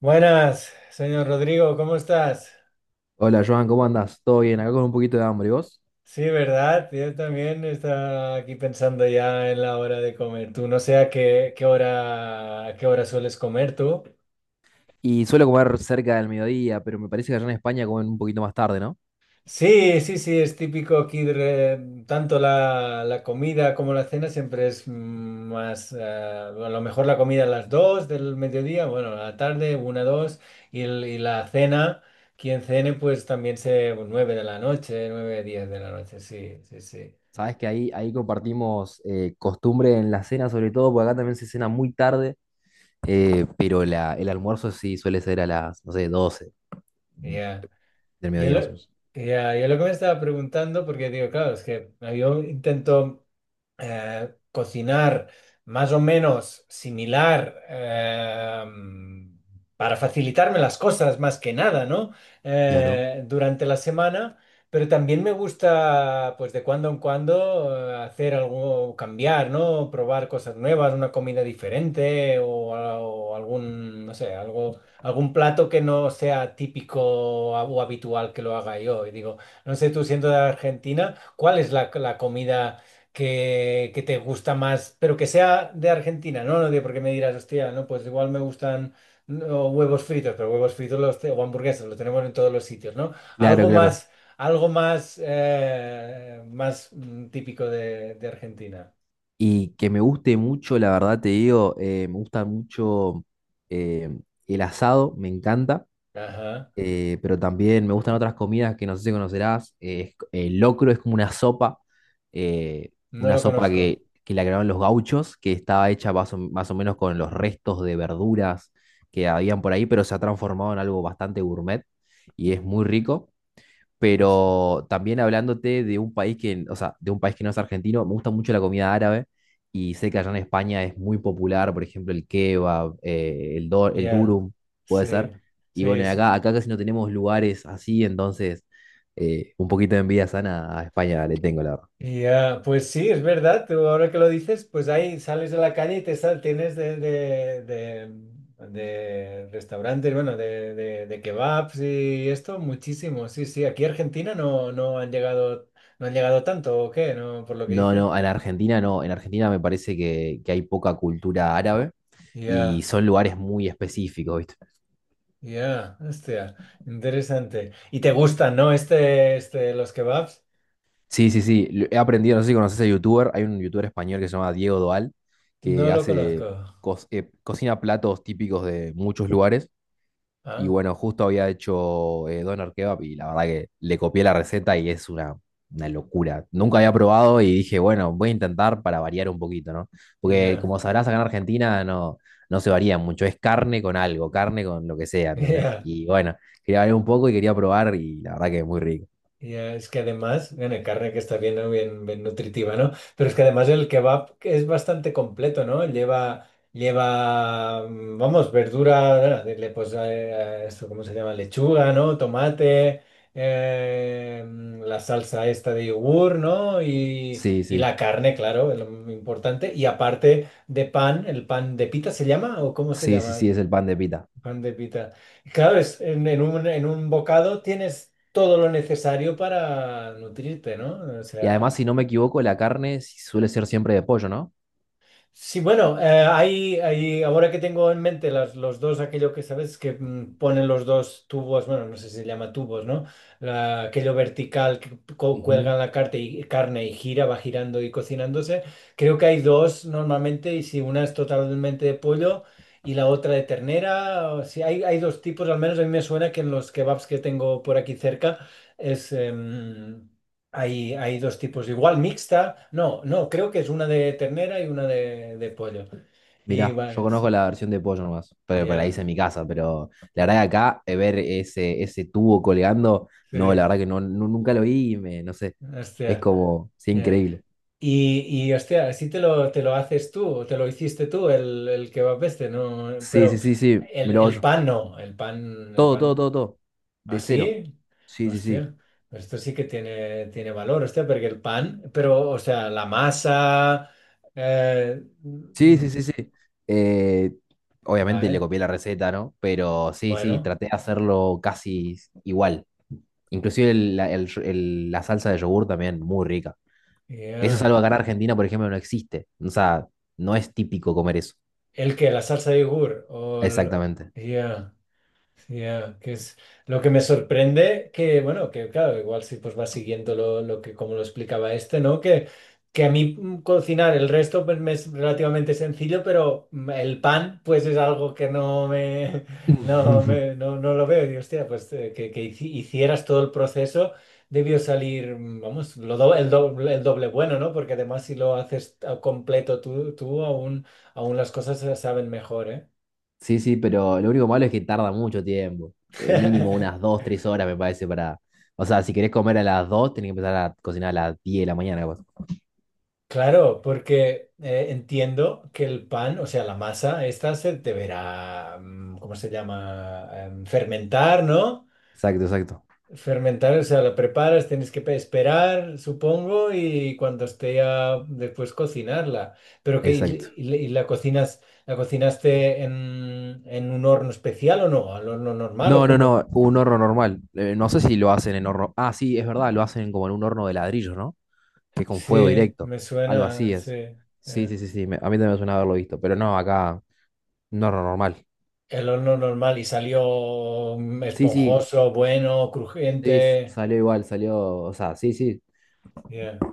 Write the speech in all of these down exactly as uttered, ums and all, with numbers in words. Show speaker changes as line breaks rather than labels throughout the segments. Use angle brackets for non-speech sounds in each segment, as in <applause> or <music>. Buenas, señor Rodrigo, ¿cómo estás?
Hola Joan, ¿cómo andas? ¿Todo bien? Acá con un poquito de hambre, ¿y vos?
Sí, ¿verdad? Yo también estaba aquí pensando ya en la hora de comer. Tú no sé a qué, qué hora, a qué hora sueles comer tú.
Y suelo comer cerca del mediodía, pero me parece que allá en España comen un poquito más tarde, ¿no?
Sí, sí, sí, es típico aquí, de re- tanto la, la comida como la cena siempre es mm, más, eh, a lo mejor la comida a las dos del mediodía, bueno, a la tarde, una dos y, el- y la cena, quien cene, pues también se pues, nueve de la noche, nueve diez de la noche, sí, sí, sí.
Sabes que ahí, ahí compartimos eh, costumbre en la cena, sobre todo, porque acá también se cena muy tarde, eh, pero la, el almuerzo sí suele ser a las, no sé, doce
Ya.
del
Yo
mediodía
lo,
más o menos.
ya, yo lo que me estaba preguntando, porque digo, claro, es que yo intento eh, cocinar más o menos similar, eh, para facilitarme las cosas más que nada, ¿no?
Claro,
Eh, durante la semana, pero también me gusta, pues de cuando en cuando, eh, hacer algo, cambiar, ¿no? Probar cosas nuevas, una comida diferente o, a- o algún, no sé, algo, algún plato que no sea típico o habitual que lo haga yo. Y digo, no sé, tú siendo de Argentina, ¿cuál es la la comida que, que te gusta más, pero que sea de Argentina, ¿no? No digo porque me dirás, hostia, no, pues igual me gustan no, huevos fritos, pero huevos fritos los, te- o hamburguesas, lo tenemos en todos los sitios, ¿no?
claro,
Algo
claro.
más, algo más, eh, más mm, típico de, de Argentina.
Y que me guste mucho, la verdad te digo, eh, me gusta mucho eh, el asado, me encanta.
Ajá.
Eh, pero también me gustan otras comidas que no sé si conocerás. Eh, es co- el locro es como una sopa, eh,
No
una
lo
sopa
conozco.
que, que la crearon los gauchos, que estaba hecha más o, más o menos con los restos de verduras que habían por ahí, pero se ha transformado en algo bastante gourmet y es muy rico,
Hostia.
pero también hablándote de un país que, o sea, de un país que no es argentino, me gusta mucho la comida árabe y sé que allá en España es muy popular, por ejemplo, el kebab, eh, el, do- el
Ya.
durum, puede ser.
Sí.
Y
Sí,
bueno, y
sí, sí.
acá, acá casi no tenemos lugares así, entonces eh, un poquito de envidia sana a España le tengo, la verdad.
Y ah, pues sí, es verdad, tú ahora que lo dices, pues ahí sales de la calle y te sal, tienes de, de, de- de restaurantes, bueno, de, de, de kebabs y esto, muchísimo, sí, sí, aquí Argentina no, no han llegado, no han llegado tanto, ¿o qué? No, por lo que
No,
dices.
no, en Argentina no, en Argentina me parece que, que hay poca cultura árabe y
Ya,
son lugares muy específicos, ¿viste?
ya, hostia, interesante. ¿Y te gustan, no? Este, este, los kebabs,
Sí, sí, sí. lo- He aprendido, no sé si conoces a youtuber, hay un youtuber español que se llama Diego Doal,
no
que
lo conozco.
hace co- eh, cocina platos típicos de muchos lugares. Y
Ah,
bueno, justo había hecho eh, doner kebab y la verdad que le copié la receta y es una, una locura. Nunca había probado y dije, bueno, voy a intentar para variar un poquito, ¿no? Porque
ya.
como sabrás, acá en Argentina no, no se varía mucho, es carne con algo, carne con lo que sea,
<laughs>
¿entendés?
Ya.
Y bueno, quería variar un poco y quería probar y la verdad que es muy rico.
Ya, es que además, bueno, carne que está bien, ¿no? Bien, bien nutritiva, ¿no? Pero es que además el kebab es bastante completo, ¿no? Lleva, lleva, mm, vamos, verdura, eh, le- pues, eh, eh, esto, ¿cómo se llama? Lechuga, ¿no? Tomate, eh, mm, la salsa esta de yogur, ¿no? Y,
Sí,
y
sí.
la carne, claro, es lo muy importante. Y aparte de pan, ¿el pan de pita se llama o cómo se
Sí, sí, sí,
llama?
es el pan de pita.
Pan de pita. Claro, es, en, en un, en un bocado tienes todo lo necesario para nutrirte, ¿no? O
Y
sea.
además, si no me equivoco, la carne suele ser siempre de pollo, ¿no?
Sí, bueno, eh, hay, hay- ahora que tengo en mente las, los dos, aquello que sabes que mm, ponen los dos tubos, bueno, no sé si se llama tubos, ¿no? La- aquello vertical que co-
Ujú.
cuelgan la carne y, carne y gira, va girando y cocinándose. Creo que hay dos normalmente y si una es totalmente de pollo y la otra de ternera, o si hay, hay dos tipos, al menos a mí me suena que en los kebabs que tengo por aquí cerca es, em, hay, hay dos tipos, igual mixta, no, no, creo que es una de ternera y una de, de pollo. Y
Mirá, yo
vaya,
conozco
sí,
la versión de pollo nomás, pero para ahí hice
ya,
en mi casa, pero
ya,
la verdad que acá eh, ver ese, ese tubo colgando,
sí,
no, la verdad que no, nu- nunca lo vi y me, no sé, es
hostia,
como, sí,
ya.
increíble.
Y, y hostia, así te lo, te lo haces tú, o te lo hiciste tú, el, el kebab este, ¿no?
Sí, sí,
Pero
sí, sí, me
el,
lo hago
el
yo.
pan no, el pan, el
Todo, todo,
pan,
todo, todo. De cero.
así,
Sí, sí, sí.
hostia, pero esto sí que tiene, tiene valor, hostia, porque el pan, pero, o sea, la masa, eh,
Sí,
mm,
sí, sí, sí. Eh, Obviamente le
vale,
copié la receta, ¿no? Pero sí, sí,
bueno.
traté de hacerlo casi igual. Inclusive el- la, el- el- la salsa de yogur también, muy rica. Eso es
Yeah.
algo que acá en Argentina, por ejemplo, no existe. O sea, no es típico comer eso.
¿El que ¿La salsa de yogur? O el-
Exactamente.
yeah. Ya, que es lo que me sorprende que, bueno, que claro, igual si pues vas siguiendo lo, lo que como lo explicaba este, ¿no? Que, que a mí mm, cocinar el resto pues me es relativamente sencillo, pero mm, el pan pues es algo que no me, <laughs> no
<laughs>
me, no, no lo veo. Y hostia, pues eh, que, que hici- hicieras todo el proceso debió salir, mm, vamos, lo do- el doble, el doble bueno, ¿no? Porque además si lo haces a completo tú, tú aún, aún las cosas se saben mejor, ¿eh?
Sí, sí, pero lo único malo es que tarda mucho tiempo. Eh, mínimo unas
<laughs>
dos tres horas me parece para... O sea, si querés comer a las dos tenés que empezar a cocinar a las diez de la mañana, capaz.
Claro, porque eh, entiendo que el pan, o sea, la masa, esta se deberá, mm, ¿cómo se llama? Em, fermentar, ¿no?
Exacto, exacto,
Fermentar, o sea, la preparas, tienes que pe- esperar, supongo, y cuando esté ya después cocinarla. Pero que, y,
exacto.
y- y la cocinas, ¿la cocinaste en, en un horno especial o no? ¿Al horno normal o
No, no,
cómo?
no, un horno normal. Eh, no sé si lo hacen en horno. Ah, sí, es verdad, lo hacen como en un horno de ladrillos, ¿no? Que con fuego
Sí,
directo.
me
Algo
suena,
así
sí.
es.
Eh.
Sí, sí, sí, sí. Me- a mí también me suena haberlo visto, pero no, acá no era normal.
El horno normal y salió mm,
Sí, sí,
esponjoso, bueno,
sí, s-
crujiente.
salió igual, salió, o sea, sí, sí,
Yeah.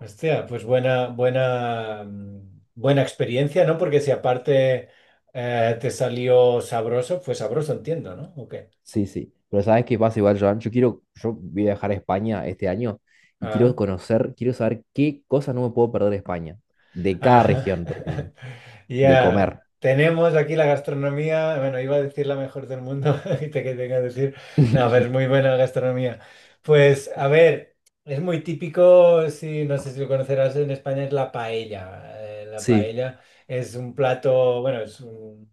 Hostia, pues buena, buena, mm, buena experiencia, ¿no? Porque si aparte eh, te salió sabroso, fue sabroso, entiendo, ¿no? Ok.
sí, sí. Pero ¿sabes qué pasa igual, Joan? Yo quiero, yo voy a viajar a España este año y quiero conocer, quiero saber qué cosas no me puedo perder de España. De cada
Ajá.
región, por ejemplo.
<laughs>
De
Ya.
comer.
Tenemos aquí la gastronomía, bueno, iba a decir la mejor del mundo <laughs> y te quería decir, no, pero es muy
<laughs>
buena la gastronomía. Pues, a ver, es muy típico, si no sé si lo conocerás en España, es la paella. Eh, La
Sí.
paella es un plato, bueno, es un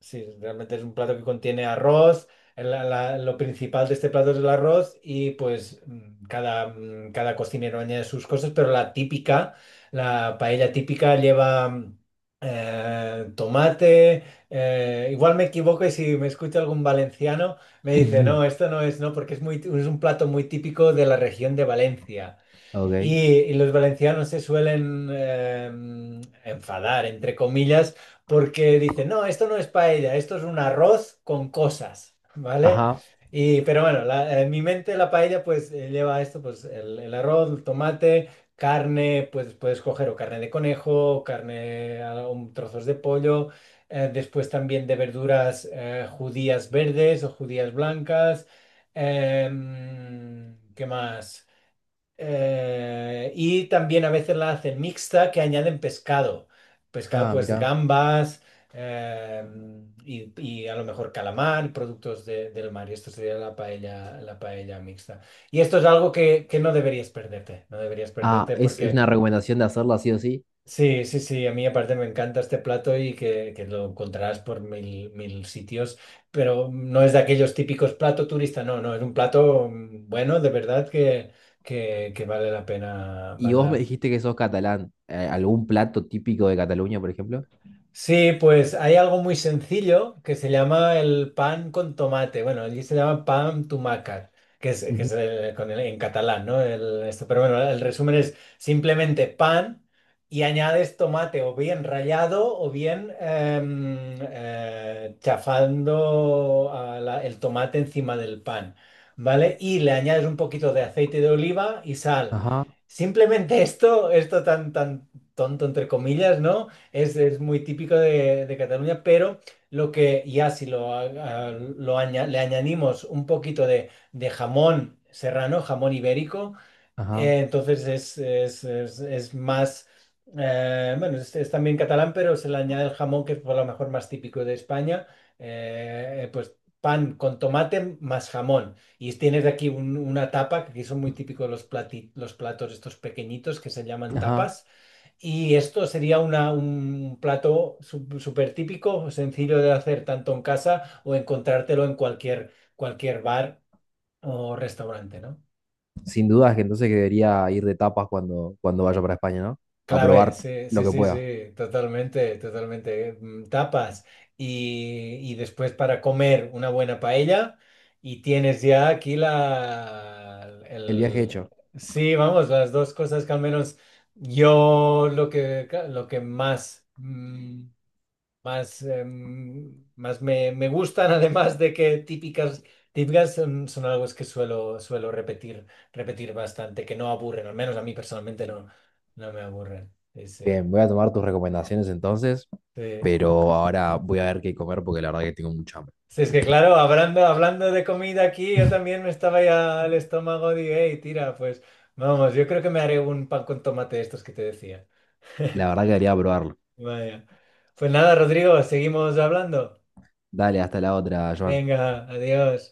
Sí, realmente es un plato que contiene arroz. La- la- lo principal de este plato es el arroz y pues mm, cada, mm, cada cocinero añade sus cosas, pero la típica, la paella típica lleva mm, eh, tomate. Eh, igual me equivoco y si me escucha algún valenciano me dice, no,
<laughs>
esto no es, no, porque es muy, es un plato muy típico de la región de Valencia. Y,
Ok.
y los valencianos se suelen eh, enfadar, entre comillas, porque dicen, no, esto no es paella, esto es un arroz con cosas, ¿vale?
Ajá.
Y, pero bueno, la- en mi mente la paella pues eh, lleva esto, pues el, el arroz, el tomate, carne, pues puedes coger o carne de conejo, o carne, a- un trozos de pollo, eh, después también de verduras eh, judías verdes o judías blancas, em, ¿qué más? Eh, y también a veces la hacen mixta que añaden pescado. Pescado,
Ah,
pues
mira.
gambas eh, y, y a lo mejor calamar, productos de- del mar. Y esto sería la paella, la paella mixta. Y esto es algo que, que no deberías perderte. No deberías
Ah,
perderte
es, es una recomendación de hacerlo así o sí.
Sí, sí, sí, a mí aparte me encanta este plato y que, que lo encontrarás por mil, mil sitios, pero no es de aquellos típicos plato turista, no, no, es un plato mm, bueno, de verdad que, que, que vale la pena,
Y
vale
vos me
la
dijiste que sos catalán. Eh, ¿Algún plato típico de Cataluña, por ejemplo?
Sí, pues hay algo muy sencillo que se llama el pan con tomate. Bueno, allí se llama pan tumaca, que es, que
Ujú.
es el- con el- en catalán, ¿no? El- esto, pero bueno, el resumen es simplemente pan y añades tomate o bien rallado o bien em, eh, chafando a la- el tomate encima del pan, ¿vale? Y le añades un poquito de aceite de oliva y sal.
Ajá,
Simplemente <laughs> esto, esto tan, tan tonto entre comillas, ¿no? Es, es muy típico de, de Cataluña, pero lo que ya si lo, a- a- lo aña- le añadimos un poquito de, de jamón serrano, jamón ibérico,
ajá,
eh, entonces es, es- es- es más, eh, bueno, es, es también catalán, pero se le añade el jamón que es por lo mejor más típico de España, eh, eh, pues pan con tomate más jamón. Y tienes aquí un- una tapa, que aquí son muy típicos los plati- los platos estos pequeñitos que se llaman
ajá.
tapas y esto sería una- un plato su- súper típico, sencillo de hacer tanto en casa o encontrártelo en cualquier, cualquier bar o restaurante, ¿no?
Sin dudas que entonces que debería ir de tapas cuando, cuando vaya para España, ¿no? A
Clave,
probar
sí,
lo
sí,
que
sí,
pueda.
sí, totalmente, totalmente. Mm, Tapas y, y después para comer una buena paella y tienes ya aquí la...
El viaje
El,
hecho.
sí, vamos, las dos cosas que al menos yo lo que, lo que más... mm, más, em, más me, me gustan, <laughs> además de que típicas, típicas son, son algo es que suelo, suelo repetir, repetir bastante, que no aburren, al menos a mí personalmente no, no me aburren. Sí, sí,
Bien, voy a tomar tus recomendaciones entonces,
sí.
pero ahora voy a ver qué comer porque la verdad que tengo mucha hambre.
Sí, es que claro, hablando, hablando de comida aquí, yo
<laughs>
también me estaba ya al estómago de, hey, tira, pues vamos, yo creo que me haré un pan con tomate de estos que te decía.
La
<laughs>
verdad que debería probarlo.
Vaya. Pues nada, Rodrigo, seguimos hablando.
Dale, hasta la otra, Joan.
Venga, adiós.